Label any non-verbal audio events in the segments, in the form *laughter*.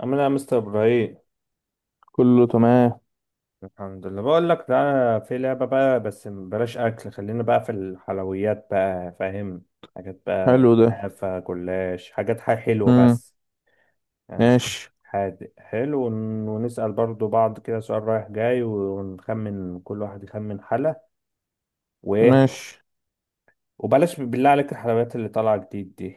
عامل ايه يا مستر ابراهيم؟ كله تمام. الحمد لله. بقول لك تعالى في لعبه بقى، بس بلاش اكل، خلينا بقى في الحلويات بقى، فاهم؟ حاجات بقى حلو ده. كنافه جلاش، حاجات، حاجة حلوه امم بس، يعني مش ماشي. حادق حلو. ونسال برضو بعض كده سؤال رايح جاي، ونخمن، كل واحد يخمن حلا وايه. ماشي. وبلاش بالله عليك الحلويات اللي طالعه جديد دي.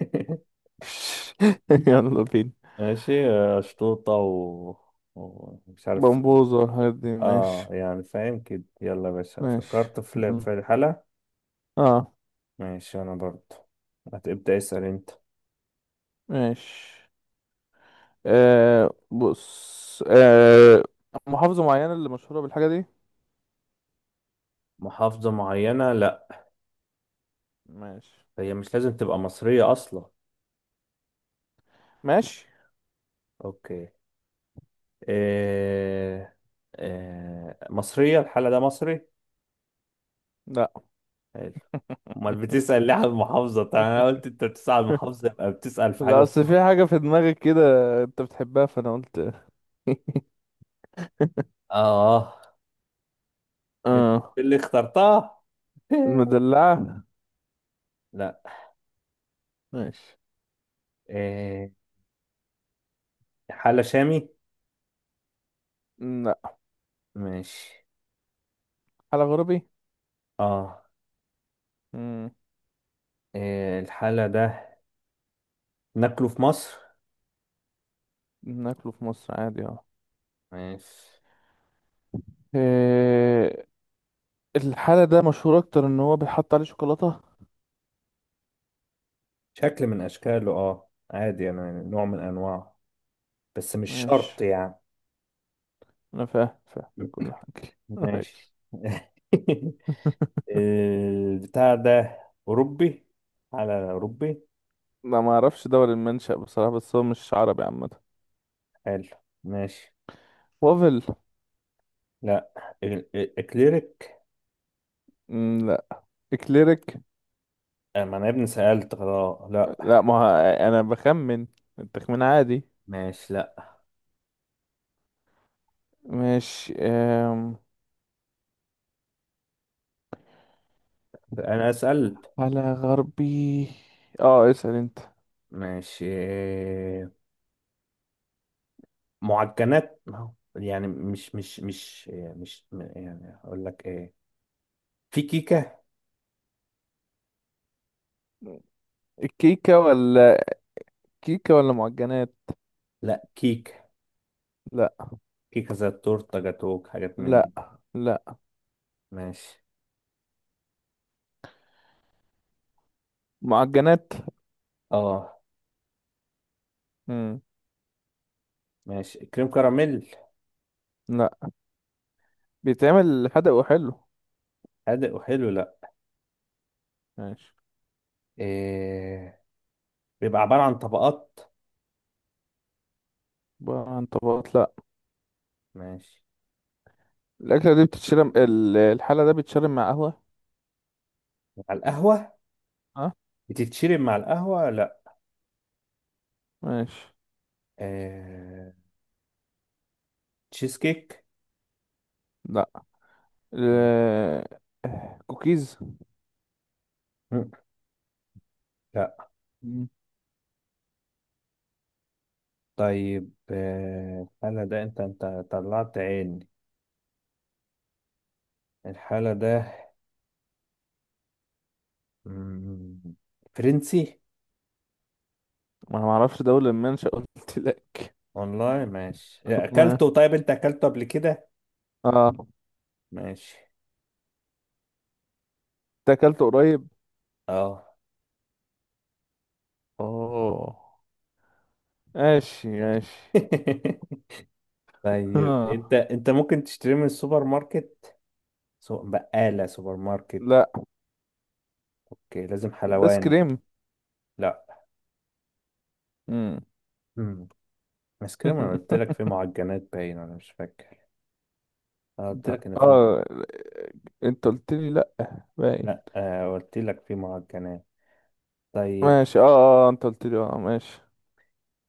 *laughs* *laughs* يلا بينا. ماشي آه، شطوطه ومش عارف. بمبوزة والحاجات دي. اه ماشي. يعني فاهم كده، يلا يا باشا، ماشي. فكرت في يلا. في الحالة. اه. ماشي، انا برضو. هتبدأ اسأل انت. ماشي. آه، بص. آه، محافظة معينة اللي مشهورة بالحاجة دي؟ محافظة معينة؟ لا، ماشي. هي مش لازم تبقى مصرية اصلا. ماشي. اوكي. إيه... مصرية الحالة ده؟ مصري. لا. حلو. امال بتسأل ليه على المحافظة؟ طيب انا قلت انت بتسأل على *laughs* المحافظة، يبقى بتسأل في حاجة لا، في اصل في مصر. حاجة في دماغك كده انت بتحبها فانا قلت. اه. انت اه. اللي اخترتها. *laughs* المدلعة. لا. ماشي. إيه... حالة شامي؟ لا. ماشي. حلقة غربي. اه. امم إيه الحالة ده؟ ناكله في مصر؟ ناكله في مصر عادي. اه. ماشي. آه، الحالة ده مشهور أكتر إن هو بيحط عليه شوكولاتة. شكل من اشكاله اه، عادي يعني، نوع من انواع، بس مش ماشي. شرط يعني. أنا فاهم فاهم كل حاجة. *laughs* ماشي. ماشي. *laughs* البتاع ده أوروبي؟ على أوروبي. لا، ما أعرفش دول المنشأ بصراحة بس هو مش عربي عامة. حلو. ماشي. وافل. لا. إكليريك. مم، لا. إكليريك. آه، ما أنا يا ابني سألت خلاص، لا. لا، ما ه- أنا بخمن. التخمين عادي. ماشي. لا ماشي. أنا سألت. على غربي. اه، اسأل أنت. ماشي آه، معجنات ما هو. يعني مش آه، مش م- يعني أقول لك إيه، في كيكة. الكيكة ولا كيكة ولا معجنات؟ لا، كيكة، لا. كيكه، تورته، جاتوك، حاجات من دي. لا. لا. ماشي. معجنات. اه. مم. ماشي. كريم كراميل؟ لا، بيتعمل حدق وحلو. حادق وحلو؟ لا. ماشي. إيه. بيبقى عبارة عن طبقات؟ عبارة عن طبقات؟ لا. ماشي. الأكلة دي بتتشرب ال- الحالة ده بيتشرب مع قهوة. مع القهوة؟ اه. بتتشرب مع القهوة؟ لا. ماشي. إيه. تشيز كيك؟ لا. مم. ال- كوكيز. *laughs* لا. مم. طيب آه، الحالة ده انت طلعت عيني. الحالة ده مم، فرنسي. ما انا معرفش ده ولا المنشأ قلت لك. والله ماشي *laughs* ما- اكلته؟ طيب انت اكلته قبل كده؟ اه. ماشي. ده اكلته قريب. اه. اوه. ماشي. ماشي. *laughs* طيب انت آه. انت ممكن تشتري من السوبر ماركت؟ بقالة سوبر ماركت. لا، اوكي، لازم ده ايس حلواني. كريم. لا. مم. امم. بس كده، ما قلت لك في *laughs* معجنات، باين انا مش فاكر. انا قلت لا. لك ان في. اه، انت قلت لي لا. باي. لا آه، قلت لك في معجنات. طيب. ماشي. اه. اه. آه. انت قلت لي اه. ماشي.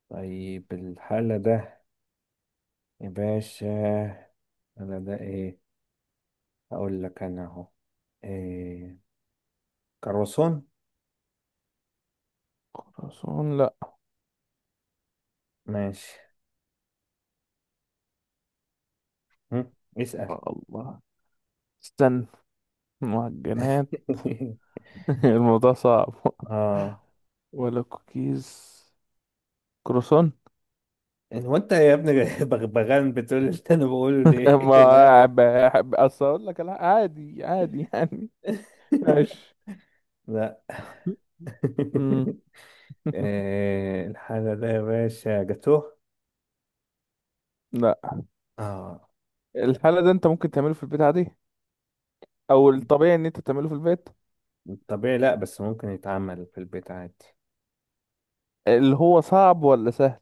طيب الحالة ده يا باشا انا ده ايه؟ اقول لك انا اهو. إيه، كروسون. خرسون. لا. ماشي. هم؟ اسأل. آه، الله. استنى. معجنات. *laughs* *laughs* الموضوع صعب. *laughs* اه. ولا كوكيز؟ كروسون. هو انت يا ابني *laughs* بغبغان، بتقول اللي انا بقوله *laughs* ليه؟ *laughs* لا. ما بحب اصل اقول لك لا، عادي عادي يعني. *laughs* *laughs* لا. ماشي. لا. امم *laughs* آه، الحالة ده يا باشا جاتوه. لا، اه. الحالة ده انت ممكن تعمله في البيت عادي. او الطبيعي ان انت تعمله في البيت. طبيعي، لا بس ممكن يتعمل في البيت عادي. اللي هو صعب ولا سهل؟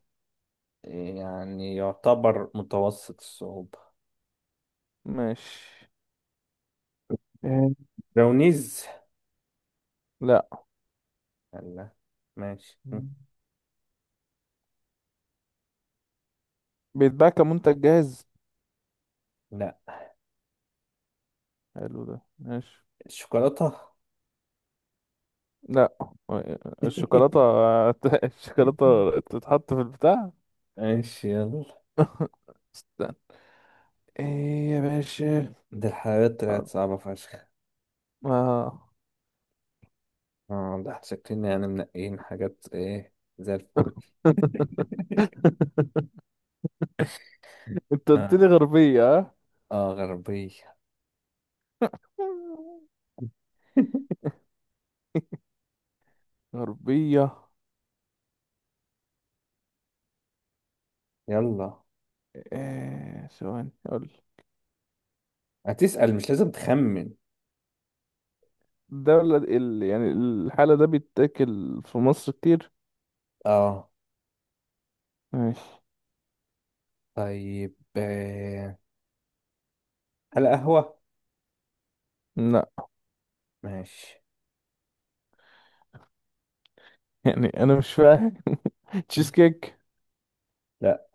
يعني يعتبر متوسط الصعوبة. ماشي. آه. براونيز؟ لا. لا. ماشي. مم. بيتباع كمنتج جاهز. لا. حلو ده. ماشي. الشوكولاتة. لا. الشوكولاتة. *laughs* *laughs* الشوكولاتة تتحط في البتاع. ماشي يلا. *laughs* استنى. ايه يا باشا؟ دي الحاجات طلعت صعبة فشخ. آه. اه، ده احنا شكلنا يعني منقيين حاجات ايه زي الفل. *laughs* انت قلت لي اه، غربية. اه غربية. ها. *laughs* غربية. يلا. آه، ثواني اقول. هتسأل، مش لازم تخمن. يعني الحالة ده بيتاكل في مصر كتير. اه. ماشي. طيب آه، هل قهوة؟ لا. ماشي. يعني انا مش فاهم. *laughs* تشيز كيك. لا.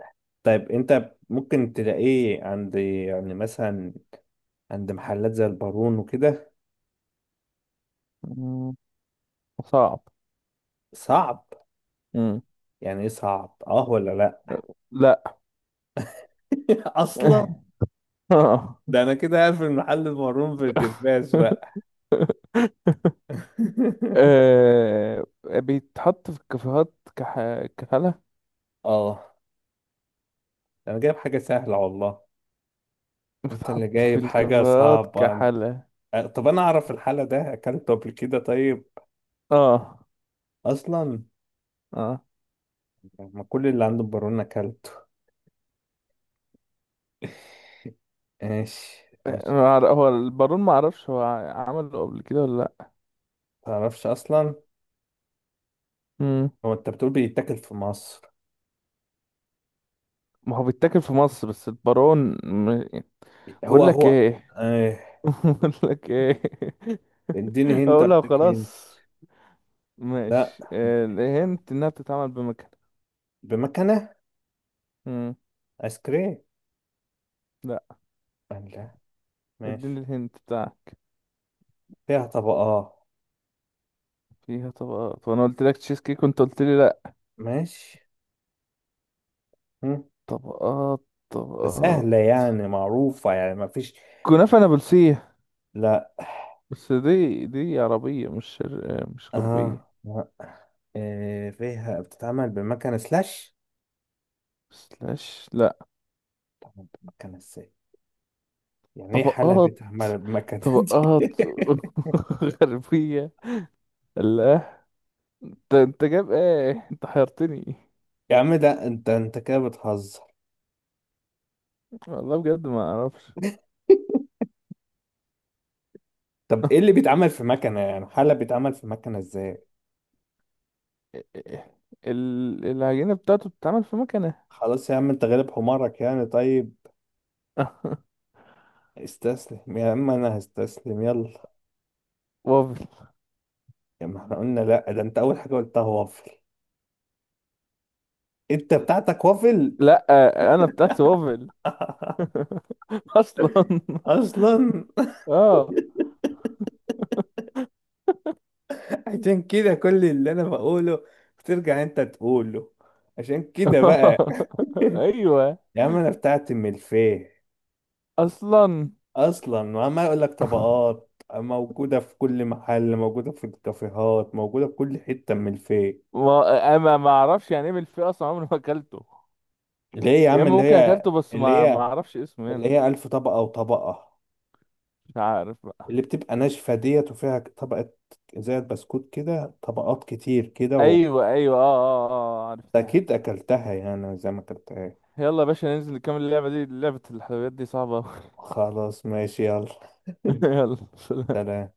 طيب انت ممكن تلاقيه عند يعني مثلا عند محلات زي البارون وكده؟ مم، صعب. صعب. مم. يعني ايه صعب؟ اه ولا لا؟ لا. *laughs* اصلا. *laughs* آه. ده انا كده قاعد في محل البارون في الترباس بقى. *laughs* آه، بيتحط في الكافيهات كحلة. اه، انا جايب حاجة سهلة والله. انت بيتحط اللي في جايب حاجة الكافيهات صعبة كحلة. آه، طب انا اعرف الحالة ده، اكلته قبل كده؟ طيب اه. اصلا اه. ما كل اللي عنده البارونة كلته. *laughs* ماشي ماشي. ما أعرف- هو البارون ما اعرفش هو عمله قبل كده ولا لا. متعرفش أصلا. مم. هو أنت بتقول بيتاكل في مصر. ما هو بيتاكل في مصر بس البارون. م- هو بقول لك هو ايه. آه. *laughs* بقول لك ايه. اديني *laughs* هنت اقولها اديك هنت. خلاص. لا. ماشي. آه، الهنت انها بتتعمل بمكنه. بمكنة. مم. آيس كريم؟ لا. لا. اديني ماشي. الهنت بتاعك. فيها طبقات. فيها طبقات وانا قلت لك تشيز كيك وانت قلت لي لا. ماشي. مم. طبقات بس طبقات. سهلة يعني، معروفة يعني، ما فيش. كنافه نابلسيه. لا. بس دي عربيه مش مش غربيه. اه لا. آه. فيها، بتتعمل بمكنة سلاش. بس لاش. بتتعمل بمكنة ازاي؟ يعني ايه حالة طبقات بتعمل بمكنة دي؟ طبقات. *laughs* *laughs* غربية. الله. انت جايب ايه؟ انت حيرتني. يا عم ده انت كده بتهزر. والله بجد ما اعرفش. طب ايه اللي *laughs* بيتعمل في مكنة يعني؟ حلة بيتعمل في مكنة ازاي؟ العجينة بتاعته بتتعمل في مكنة. خلاص يا عم، انت غالب حمارك، يعني طيب *laughs* استسلم يا عم، انا هستسلم يلا. وافل. يا ما احنا قلنا لا، ده انت اول حاجة قلتها وافل. انت بتاعتك وافل. لا، انا بتاعتي وافل. *laughs* *laughs* اصلا. اصلا. اه. عشان كده كل اللي انا بقوله بترجع انت تقوله. عشان كده بقى. *laughs* ايوه *laughs* يا عم انا بتاعتي ملفيه. اصلا. اصلا، وعمال اقول لك طبقات، موجوده في كل محل، موجوده في الكافيهات، موجوده في كل حته من الفيك. ما اعرفش يعني ايه بالفئة اصلا عمري ما اكلته. اللي هي يا يا عم، اما اللي ممكن هي، اكلته بس اللي ما هي، اعرفش اسمه اللي يعني. هي الف طبقه وطبقه، مش عارف. اللي بتبقى ناشفه ديت وفيها طبقه زي البسكوت كده، طبقات كتير كده ايوه ايوه. اه اه اه. آه، عرفتها أكيد عرفتها. اكلتها يعني، زي ما اكلتها. يلا يا باشا، ننزل نكمل اللعبه دي. لعبه الحلويات دي صعبه أوي. خلاص ماشي يلا، *laughs* يلا سلام. سلام.